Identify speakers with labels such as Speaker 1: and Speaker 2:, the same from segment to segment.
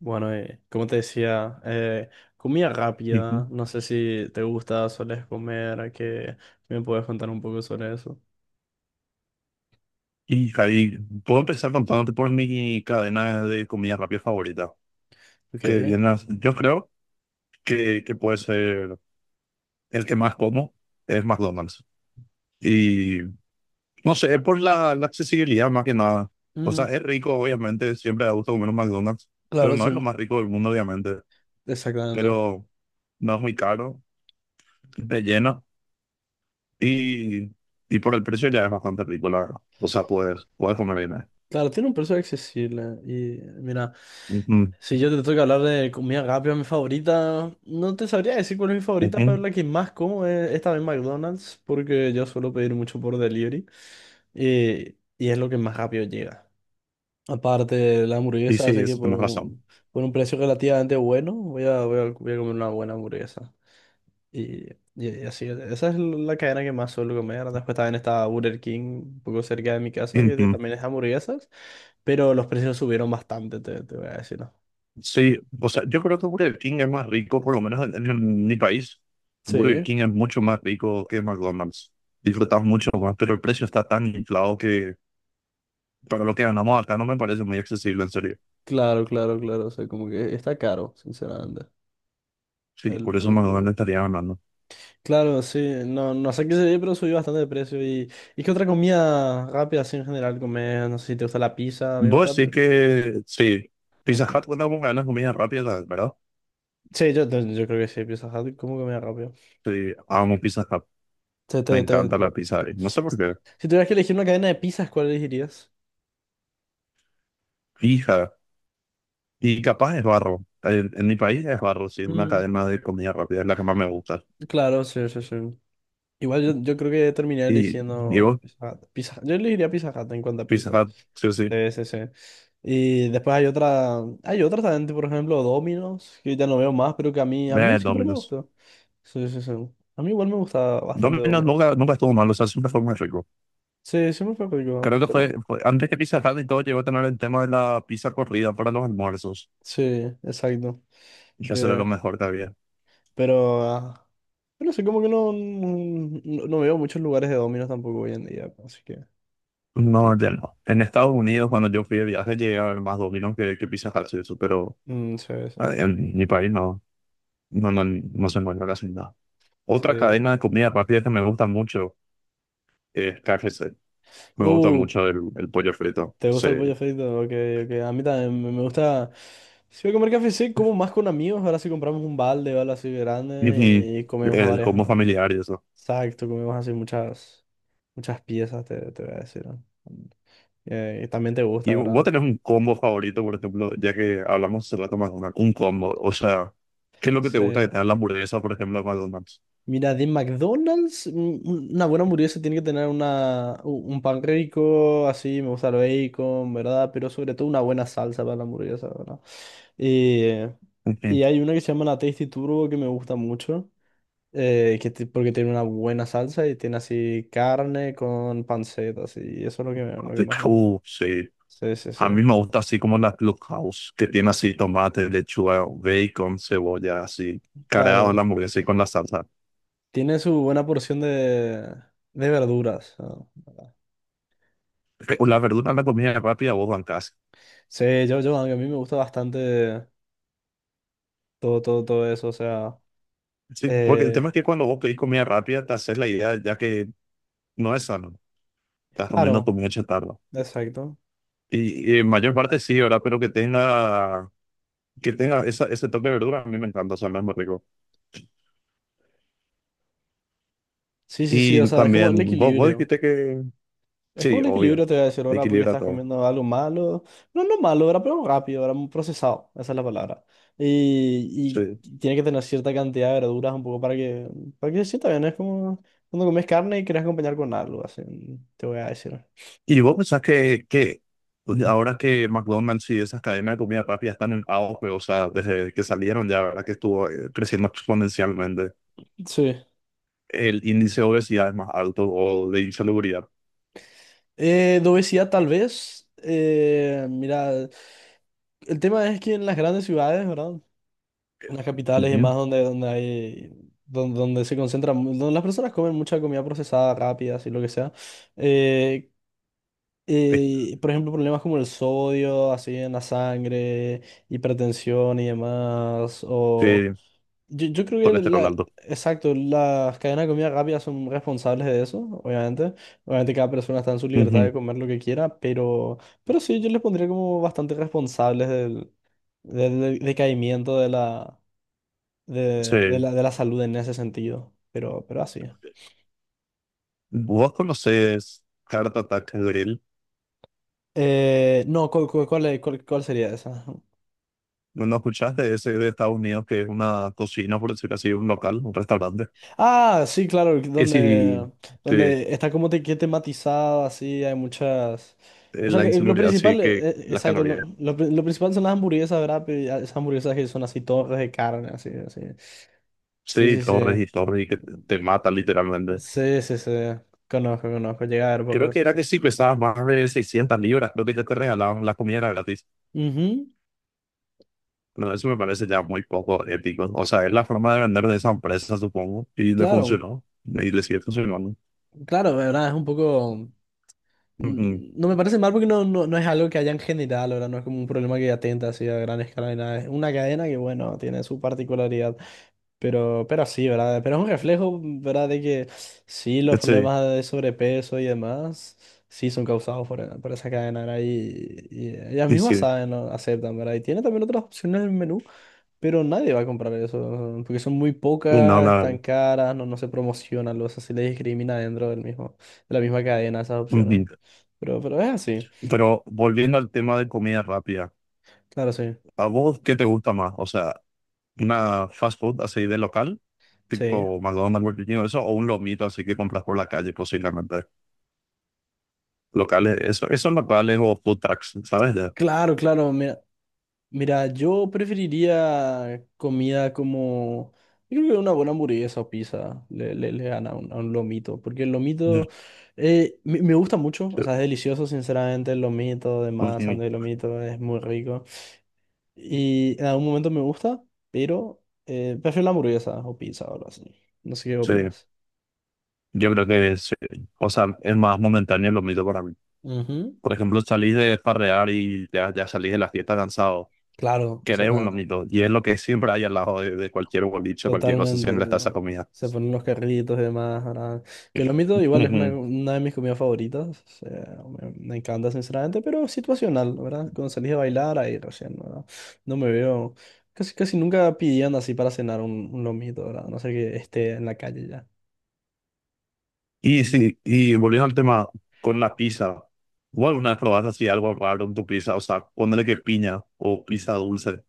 Speaker 1: Bueno, como te decía, comida
Speaker 2: Ujú.
Speaker 1: rápida, no sé si te gusta, sueles comer, que me puedes contar un poco sobre eso.
Speaker 2: Y Javi, puedo empezar contándote por mi cadena de comida rápida favorita.
Speaker 1: Ok.
Speaker 2: Yo creo que puede ser el que más como es McDonald's. Y no sé, es por la accesibilidad más que nada. O sea,
Speaker 1: Mm,
Speaker 2: es rico, obviamente, siempre da gusto comer un McDonald's, pero
Speaker 1: claro,
Speaker 2: no es lo
Speaker 1: sí,
Speaker 2: más rico del mundo, obviamente.
Speaker 1: exactamente.
Speaker 2: Pero no es muy caro, te llena y, y por el precio ya es bastante rico, la verdad. O sea, puedes comer bien ahí.
Speaker 1: Claro, tiene un precio accesible y mira,
Speaker 2: Ujú,
Speaker 1: si yo te tengo que hablar de comida rápida, mi favorita, no te sabría decir cuál es mi favorita, pero
Speaker 2: ujú.
Speaker 1: la que más como es esta vez McDonald's, porque yo suelo pedir mucho por delivery y es lo que más rápido llega. Aparte, la
Speaker 2: Y
Speaker 1: hamburguesa,
Speaker 2: sí,
Speaker 1: hace que
Speaker 2: eso tienes razón.
Speaker 1: por un precio relativamente bueno, voy a comer una buena hamburguesa. Y, y así, esa es la cadena que más suelo comer. Después también está Burger King, un poco cerca de mi casa, también es hamburguesas, pero los precios subieron bastante, te voy a decir, ¿no?
Speaker 2: Sí, o sea, yo creo que Burger King es más rico, por lo menos en mi país. Burger
Speaker 1: Sí,
Speaker 2: King es mucho más rico que McDonald's. Disfrutamos mucho más, pero el precio está tan inflado que para lo que ganamos acá no me parece muy accesible, en serio.
Speaker 1: claro, claro, claro. O sea, como que está caro, sinceramente.
Speaker 2: Sí, por eso
Speaker 1: Burger.
Speaker 2: McDonald's estaría ganando.
Speaker 1: Claro, sí, no, no sé qué sería, pero subió bastante de precio. Y qué otra comida rápida así en general comer? No sé si te gusta la pizza, a mí me
Speaker 2: Vos
Speaker 1: gusta.
Speaker 2: sí que, sí, Pizza
Speaker 1: Ujú.
Speaker 2: Hut, cuando vos ganas comida rápida, ¿verdad?
Speaker 1: Sí, yo creo que sí, Pizza Hut, ¿cómo que me da rápido?
Speaker 2: Sí, amo Pizza Hut.
Speaker 1: Te-
Speaker 2: Me
Speaker 1: te- te-
Speaker 2: encanta la pizza
Speaker 1: te-
Speaker 2: ahí. No sé por qué.
Speaker 1: Si tuvieras que elegir una cadena de pizzas, ¿cuál elegirías?
Speaker 2: Fija. Y capaz es barro. En mi país es barro, sí, una
Speaker 1: Mm,
Speaker 2: cadena de comida rápida es la que más me gusta.
Speaker 1: claro, sí, sí, sí. Igual yo, yo creo que terminaría
Speaker 2: Y
Speaker 1: eligiendo
Speaker 2: digo
Speaker 1: Pizza Hut. Yo elegiría Pizza Hut en cuanto a
Speaker 2: Pizza
Speaker 1: pizza.
Speaker 2: Hut, sí o sí.
Speaker 1: Sí, sí, sí. Y después hay otra también, tipo, por ejemplo, Domino's, que ya no veo más, pero que a mí siempre me
Speaker 2: Domino's.
Speaker 1: gustó. Sí, sí, sí. A mí igual me gusta bastante
Speaker 2: Domino's
Speaker 1: Domino's.
Speaker 2: nunca estuvo mal, o sea, siempre fue muy rico.
Speaker 1: Sí, siempre fue rico,
Speaker 2: Creo que
Speaker 1: pero
Speaker 2: antes que Pizza Hut y todo llegó a tener el tema de la pizza corrida para los almuerzos.
Speaker 1: sí, exacto.
Speaker 2: Y eso era lo
Speaker 1: Que
Speaker 2: mejor que había.
Speaker 1: Pero, ah, yo no sé, como que no, no, no veo muchos lugares de dominos tampoco hoy en día, así que... que-
Speaker 2: No, ya no. En Estados Unidos, cuando yo fui de viaje, llegué a ver más Domino's que Pizza Hut y eso, pero
Speaker 1: mm, sí, sí,
Speaker 2: en mi país no se encuentra casi nada. Otra
Speaker 1: sí.
Speaker 2: cadena de comida rápida que me gusta mucho es KFC. Me gusta
Speaker 1: Uh,
Speaker 2: mucho el pollo frito.
Speaker 1: ¿Te
Speaker 2: Sí.
Speaker 1: gusta el pollo frito? Ok, ok. A mí también me gusta... Si voy a comer café, sí, como más con amigos. Ahora sí compramos un balde o algo así grande
Speaker 2: Y
Speaker 1: y comemos
Speaker 2: el
Speaker 1: varias...
Speaker 2: combo familiar y eso.
Speaker 1: exacto, comemos así muchas, muchas piezas, te voy a decir. ¿No? Y también te gusta,
Speaker 2: Y vos
Speaker 1: ¿verdad?
Speaker 2: tenés un combo favorito, por ejemplo, ya que hablamos hace rato un combo. O sea, ¿qué es lo que te
Speaker 1: Sí.
Speaker 2: gusta de tener la hamburguesa, por ejemplo, de McDonald's?
Speaker 1: Mira, de McDonald's, una buena hamburguesa tiene que tener una, un pan rico, así, me gusta el bacon, ¿verdad? Pero sobre todo una buena salsa para la hamburguesa, ¿verdad? Eh,
Speaker 2: Ujú.
Speaker 1: y hay una que se llama la Tasty Turbo que me gusta mucho, porque tiene una buena salsa y tiene así carne con panceta, así, y eso es lo que,
Speaker 2: Ah,
Speaker 1: lo que
Speaker 2: de
Speaker 1: más veo.
Speaker 2: House, sí.
Speaker 1: Sí, sí, sí.
Speaker 2: A mí me gusta así como la Clubhouse, que tiene así tomate, lechuga, bacon, cebolla, así, cargado en
Speaker 1: Claro,
Speaker 2: la hamburguesa y con la salsa.
Speaker 1: tiene su buena porción de verduras, ¿no?
Speaker 2: O la verdura en la comida rápida, vos bancás.
Speaker 1: Sí, a mí me gusta bastante. Todo, todo, todo eso, o sea,
Speaker 2: Sí, porque el
Speaker 1: eh,
Speaker 2: tema es que cuando vos pedís comida rápida, te haces la idea ya que no es sano. Estás comiendo
Speaker 1: claro,
Speaker 2: comida chatarra.
Speaker 1: exacto.
Speaker 2: Y en mayor parte sí, ¿verdad? Pero que tenga esa, ese toque de verdura, a mí me encanta, o sea, no muy rico.
Speaker 1: Sí, sí, sí, o
Speaker 2: Y
Speaker 1: sea, es como el
Speaker 2: también, vos
Speaker 1: equilibrio.
Speaker 2: dijiste que,
Speaker 1: Es como
Speaker 2: sí,
Speaker 1: el equilibrio,
Speaker 2: obvio,
Speaker 1: te voy a decir
Speaker 2: te
Speaker 1: ahora, porque
Speaker 2: equilibra
Speaker 1: estás
Speaker 2: todo.
Speaker 1: comiendo algo malo. No, no malo, ahora, pero rápido, ahora muy procesado, esa es la palabra.
Speaker 2: Sí.
Speaker 1: Y tiene que tener cierta cantidad de verduras un poco para que se sienta bien. ¿No? Es como cuando comes carne y quieres acompañar con algo, así, te voy a decir.
Speaker 2: ¿Y vos pensás que ahora que McDonald's y esas cadenas de comida rápida están en auge, o sea, desde que salieron ya, ¿verdad? Que estuvo creciendo exponencialmente,
Speaker 1: Sí.
Speaker 2: el índice de obesidad es más alto o de insalubridad.
Speaker 1: De obesidad, tal vez. Mira, el tema es que en las grandes ciudades, ¿verdad?
Speaker 2: eh,
Speaker 1: Unas capitales y más
Speaker 2: Bien,
Speaker 1: donde, donde hay, donde, donde las personas comen mucha comida procesada, rápida, así lo que sea. Eh,
Speaker 2: eh,
Speaker 1: por ejemplo, problemas como el sodio, así en la sangre, hipertensión y demás. O
Speaker 2: eh,
Speaker 1: yo creo que
Speaker 2: colesterol
Speaker 1: la,
Speaker 2: alto.
Speaker 1: Exacto, las cadenas de comida rápida son responsables de eso, obviamente. Obviamente cada persona está en su libertad
Speaker 2: Ujú.
Speaker 1: de comer lo que quiera, pero sí, yo les pondría como bastante responsables del del decaimiento
Speaker 2: Sí.
Speaker 1: de la salud en ese sentido, pero así.
Speaker 2: ¿Vos conocés Heart Attack Grill?
Speaker 1: No, ¿cuál, cuál, cuál- cuál sería esa?
Speaker 2: ¿No, no escuchaste de ese de Estados Unidos que es una cocina, por decirlo así, un local, un restaurante?
Speaker 1: Ah, sí, claro,
Speaker 2: Es si
Speaker 1: donde,
Speaker 2: te,
Speaker 1: donde está como te, que tematizado, así, hay muchas... O sea,
Speaker 2: la
Speaker 1: que lo
Speaker 2: insalubridad, sí,
Speaker 1: principal,
Speaker 2: que las
Speaker 1: exacto,
Speaker 2: calorías.
Speaker 1: lo principal son las hamburguesas, ¿verdad? Pero ya esas hamburguesas que son así, torres de carne, así, así. Sí,
Speaker 2: Sí,
Speaker 1: sí, sí.
Speaker 2: torres y torres y que te matan literalmente.
Speaker 1: Sí, sí, sí. Conozco, conozco. Llega a ver por
Speaker 2: Creo
Speaker 1: redes
Speaker 2: que era que
Speaker 1: sociales.
Speaker 2: si pesabas más de 600 libras, creo que ya te regalaban la comida gratis.
Speaker 1: Ujú.
Speaker 2: No, eso me parece ya muy poco ético. O sea, es la forma de vender de esa empresa, supongo, y le
Speaker 1: Claro,
Speaker 2: funcionó. Y le sigue funcionando.
Speaker 1: claro, ¿verdad? Es un poco.
Speaker 2: Ujú.
Speaker 1: Mm, No me parece mal porque no, no, no es algo que haya en general, ¿verdad? No es como un problema que atenta así a gran escala ni nada. Es una cadena que, bueno, tiene su particularidad, pero sí, ¿verdad? Pero es un reflejo, ¿verdad? De que sí, los
Speaker 2: Sí,
Speaker 1: problemas de sobrepeso y demás, sí son causados por esa cadena, ¿verdad? Y ellas
Speaker 2: y
Speaker 1: mismas
Speaker 2: sí,
Speaker 1: saben, ¿no? Aceptan, ¿verdad? Y tiene también otras opciones en el menú. Pero nadie va a comprar eso, ¿no? Porque son muy
Speaker 2: no,
Speaker 1: pocas,
Speaker 2: la
Speaker 1: están
Speaker 2: verdad.
Speaker 1: caras, no, no se promocionan, o sea, se les discrimina dentro del mismo, de la misma cadena esas opciones.
Speaker 2: Ujú.
Speaker 1: Pero es así,
Speaker 2: Pero volviendo al tema de comida rápida.
Speaker 1: claro, sí,
Speaker 2: ¿A vos qué te gusta más? O sea, una fast food así de local,
Speaker 1: sí.
Speaker 2: tipo McDonald's, Burger King, o eso, o un lomito así que compras por la calle, posiblemente. Locales, eso, esos locales o food trucks, ¿sabes?
Speaker 1: Claro, claro, mira, mira, yo preferiría comida como, yo creo que una buena hamburguesa o pizza le, le, le gana a un lomito, porque el lomito
Speaker 2: De-
Speaker 1: me gusta mucho, o sea, es delicioso, sinceramente, el lomito, de masa,
Speaker 2: Sí,
Speaker 1: de lomito, es muy rico. Y en algún momento me gusta, pero prefiero la hamburguesa o pizza o algo así. No sé qué
Speaker 2: sí.
Speaker 1: opinas.
Speaker 2: Yo creo que sí. O sea, es más momentáneo el lomito para mí.
Speaker 1: Ujú.
Speaker 2: Por ejemplo, salís de farrear y ya salís de la fiesta cansado.
Speaker 1: Claro,
Speaker 2: Querés un
Speaker 1: exactamente.
Speaker 2: lomito, y es lo que siempre hay al lado de cualquier boliche, cualquier cosa,
Speaker 1: Totalmente.
Speaker 2: siempre está esa
Speaker 1: ¿No?
Speaker 2: comida.
Speaker 1: Se ponen los carritos y demás. ¿Verdad? Que lo mito igual es una de mis comidas favoritas. O sea, me encanta, sinceramente, pero situacional, ¿verdad? Cuando salís a bailar, ahí recién, ¿verdad? No me veo. Casi, casi nunca pidiendo así para cenar un lomito, ¿verdad? A no sé que esté en la calle ya.
Speaker 2: Y sí, y volviendo al tema con la pizza, ¿o alguna vez probaste así algo raro en tu pizza? O sea, ponerle que piña o pizza dulce.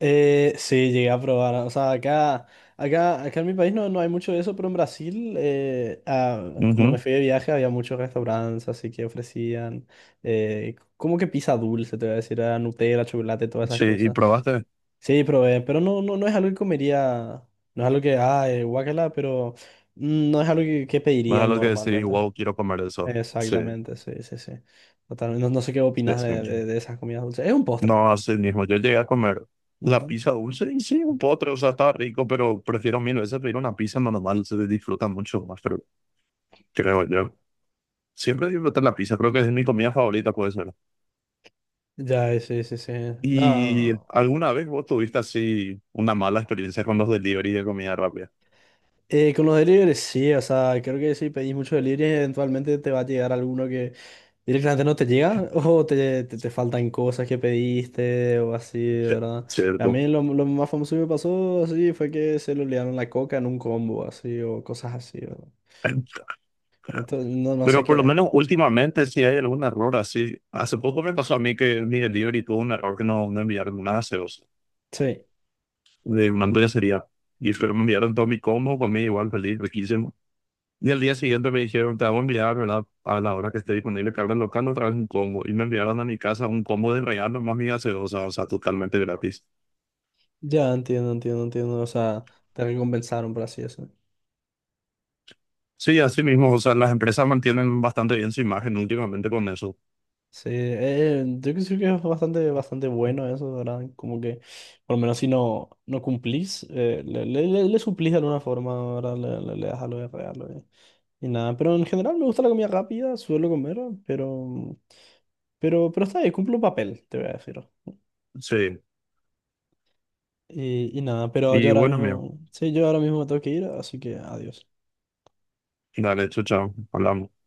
Speaker 1: Sí, llegué a probar. O sea, acá, acá, acá en mi país no, no hay mucho de eso, pero en Brasil, cuando me
Speaker 2: Ujú.
Speaker 1: fui de viaje había muchos restaurantes así que ofrecían como que pizza dulce, te voy a decir, ah, Nutella, chocolate, todas esas
Speaker 2: Sí, y
Speaker 1: cosas.
Speaker 2: probaste.
Speaker 1: Sí, probé, pero no, no, no es algo que comería, no es algo que, guácala, pero mm, no es algo que
Speaker 2: Más es
Speaker 1: pedirían
Speaker 2: algo que decir,
Speaker 1: normalmente.
Speaker 2: wow, quiero comer eso. Sí,
Speaker 1: Exactamente, sí, sí, sí. Totalmente. No, no sé qué
Speaker 2: sí,
Speaker 1: opinas
Speaker 2: sí.
Speaker 1: de esas comidas dulces. Es un postre.
Speaker 2: No, así mismo. Yo llegué a comer la pizza dulce y sí, un postre, o sea, estaba rico, pero prefiero mil veces pedir una pizza normal, se disfruta mucho más, pero creo yo. Siempre disfruté la pizza, creo que es mi comida favorita, pues.
Speaker 1: Ya, sí, sí, sí.
Speaker 2: ¿Y
Speaker 1: No.
Speaker 2: alguna vez vos tuviste así una mala experiencia con los delivery de comida rápida?
Speaker 1: Con los deliveries, sí, o sea, creo que si pedís muchos deliveries, eventualmente te va a llegar alguno que directamente no te llega o te, te faltan cosas que pediste o así, ¿verdad? A
Speaker 2: Cierto.
Speaker 1: mí lo más famoso que me pasó así fue que se le olvidaron la coca en un combo, así, o cosas así, ¿verdad? Entonces, no, no sé
Speaker 2: Pero por lo
Speaker 1: qué.
Speaker 2: menos últimamente si hay algún error así. Hace poco me pasó a mí que mi delivery tuvo un error que no enviaron nada gaseosa
Speaker 1: Sí,
Speaker 2: de una hamburguesería. Y pero me enviaron todo mi combo, comí igual feliz, riquísimo. Y al día siguiente me dijeron, te vamos a enviar, ¿verdad? A la hora que esté disponible carga local, otra vez un combo. Y me enviaron a mi casa un combo de regalo más mi gaseosa, o sea, totalmente gratis.
Speaker 1: ya entiendo, entiendo, entiendo. O sea, te recompensaron por así eso.
Speaker 2: Sí, así mismo, o sea, las empresas mantienen bastante bien su imagen últimamente con eso.
Speaker 1: Sí, yo creo que es bastante, bastante bueno eso, ¿verdad? Como que, por lo menos si no, no cumplís, le suplís de alguna forma, ¿verdad? Le das algo de regalo y nada. Pero en general me gusta la comida rápida, suelo comer, pero, pero está bien, cumple un papel, te voy a decir.
Speaker 2: Sí,
Speaker 1: Y nada, pero yo
Speaker 2: y
Speaker 1: ahora
Speaker 2: bueno, amigo,
Speaker 1: mismo, sí, yo ahora mismo me tengo que ir, así que adiós.
Speaker 2: dale, chao, chao, hablamos.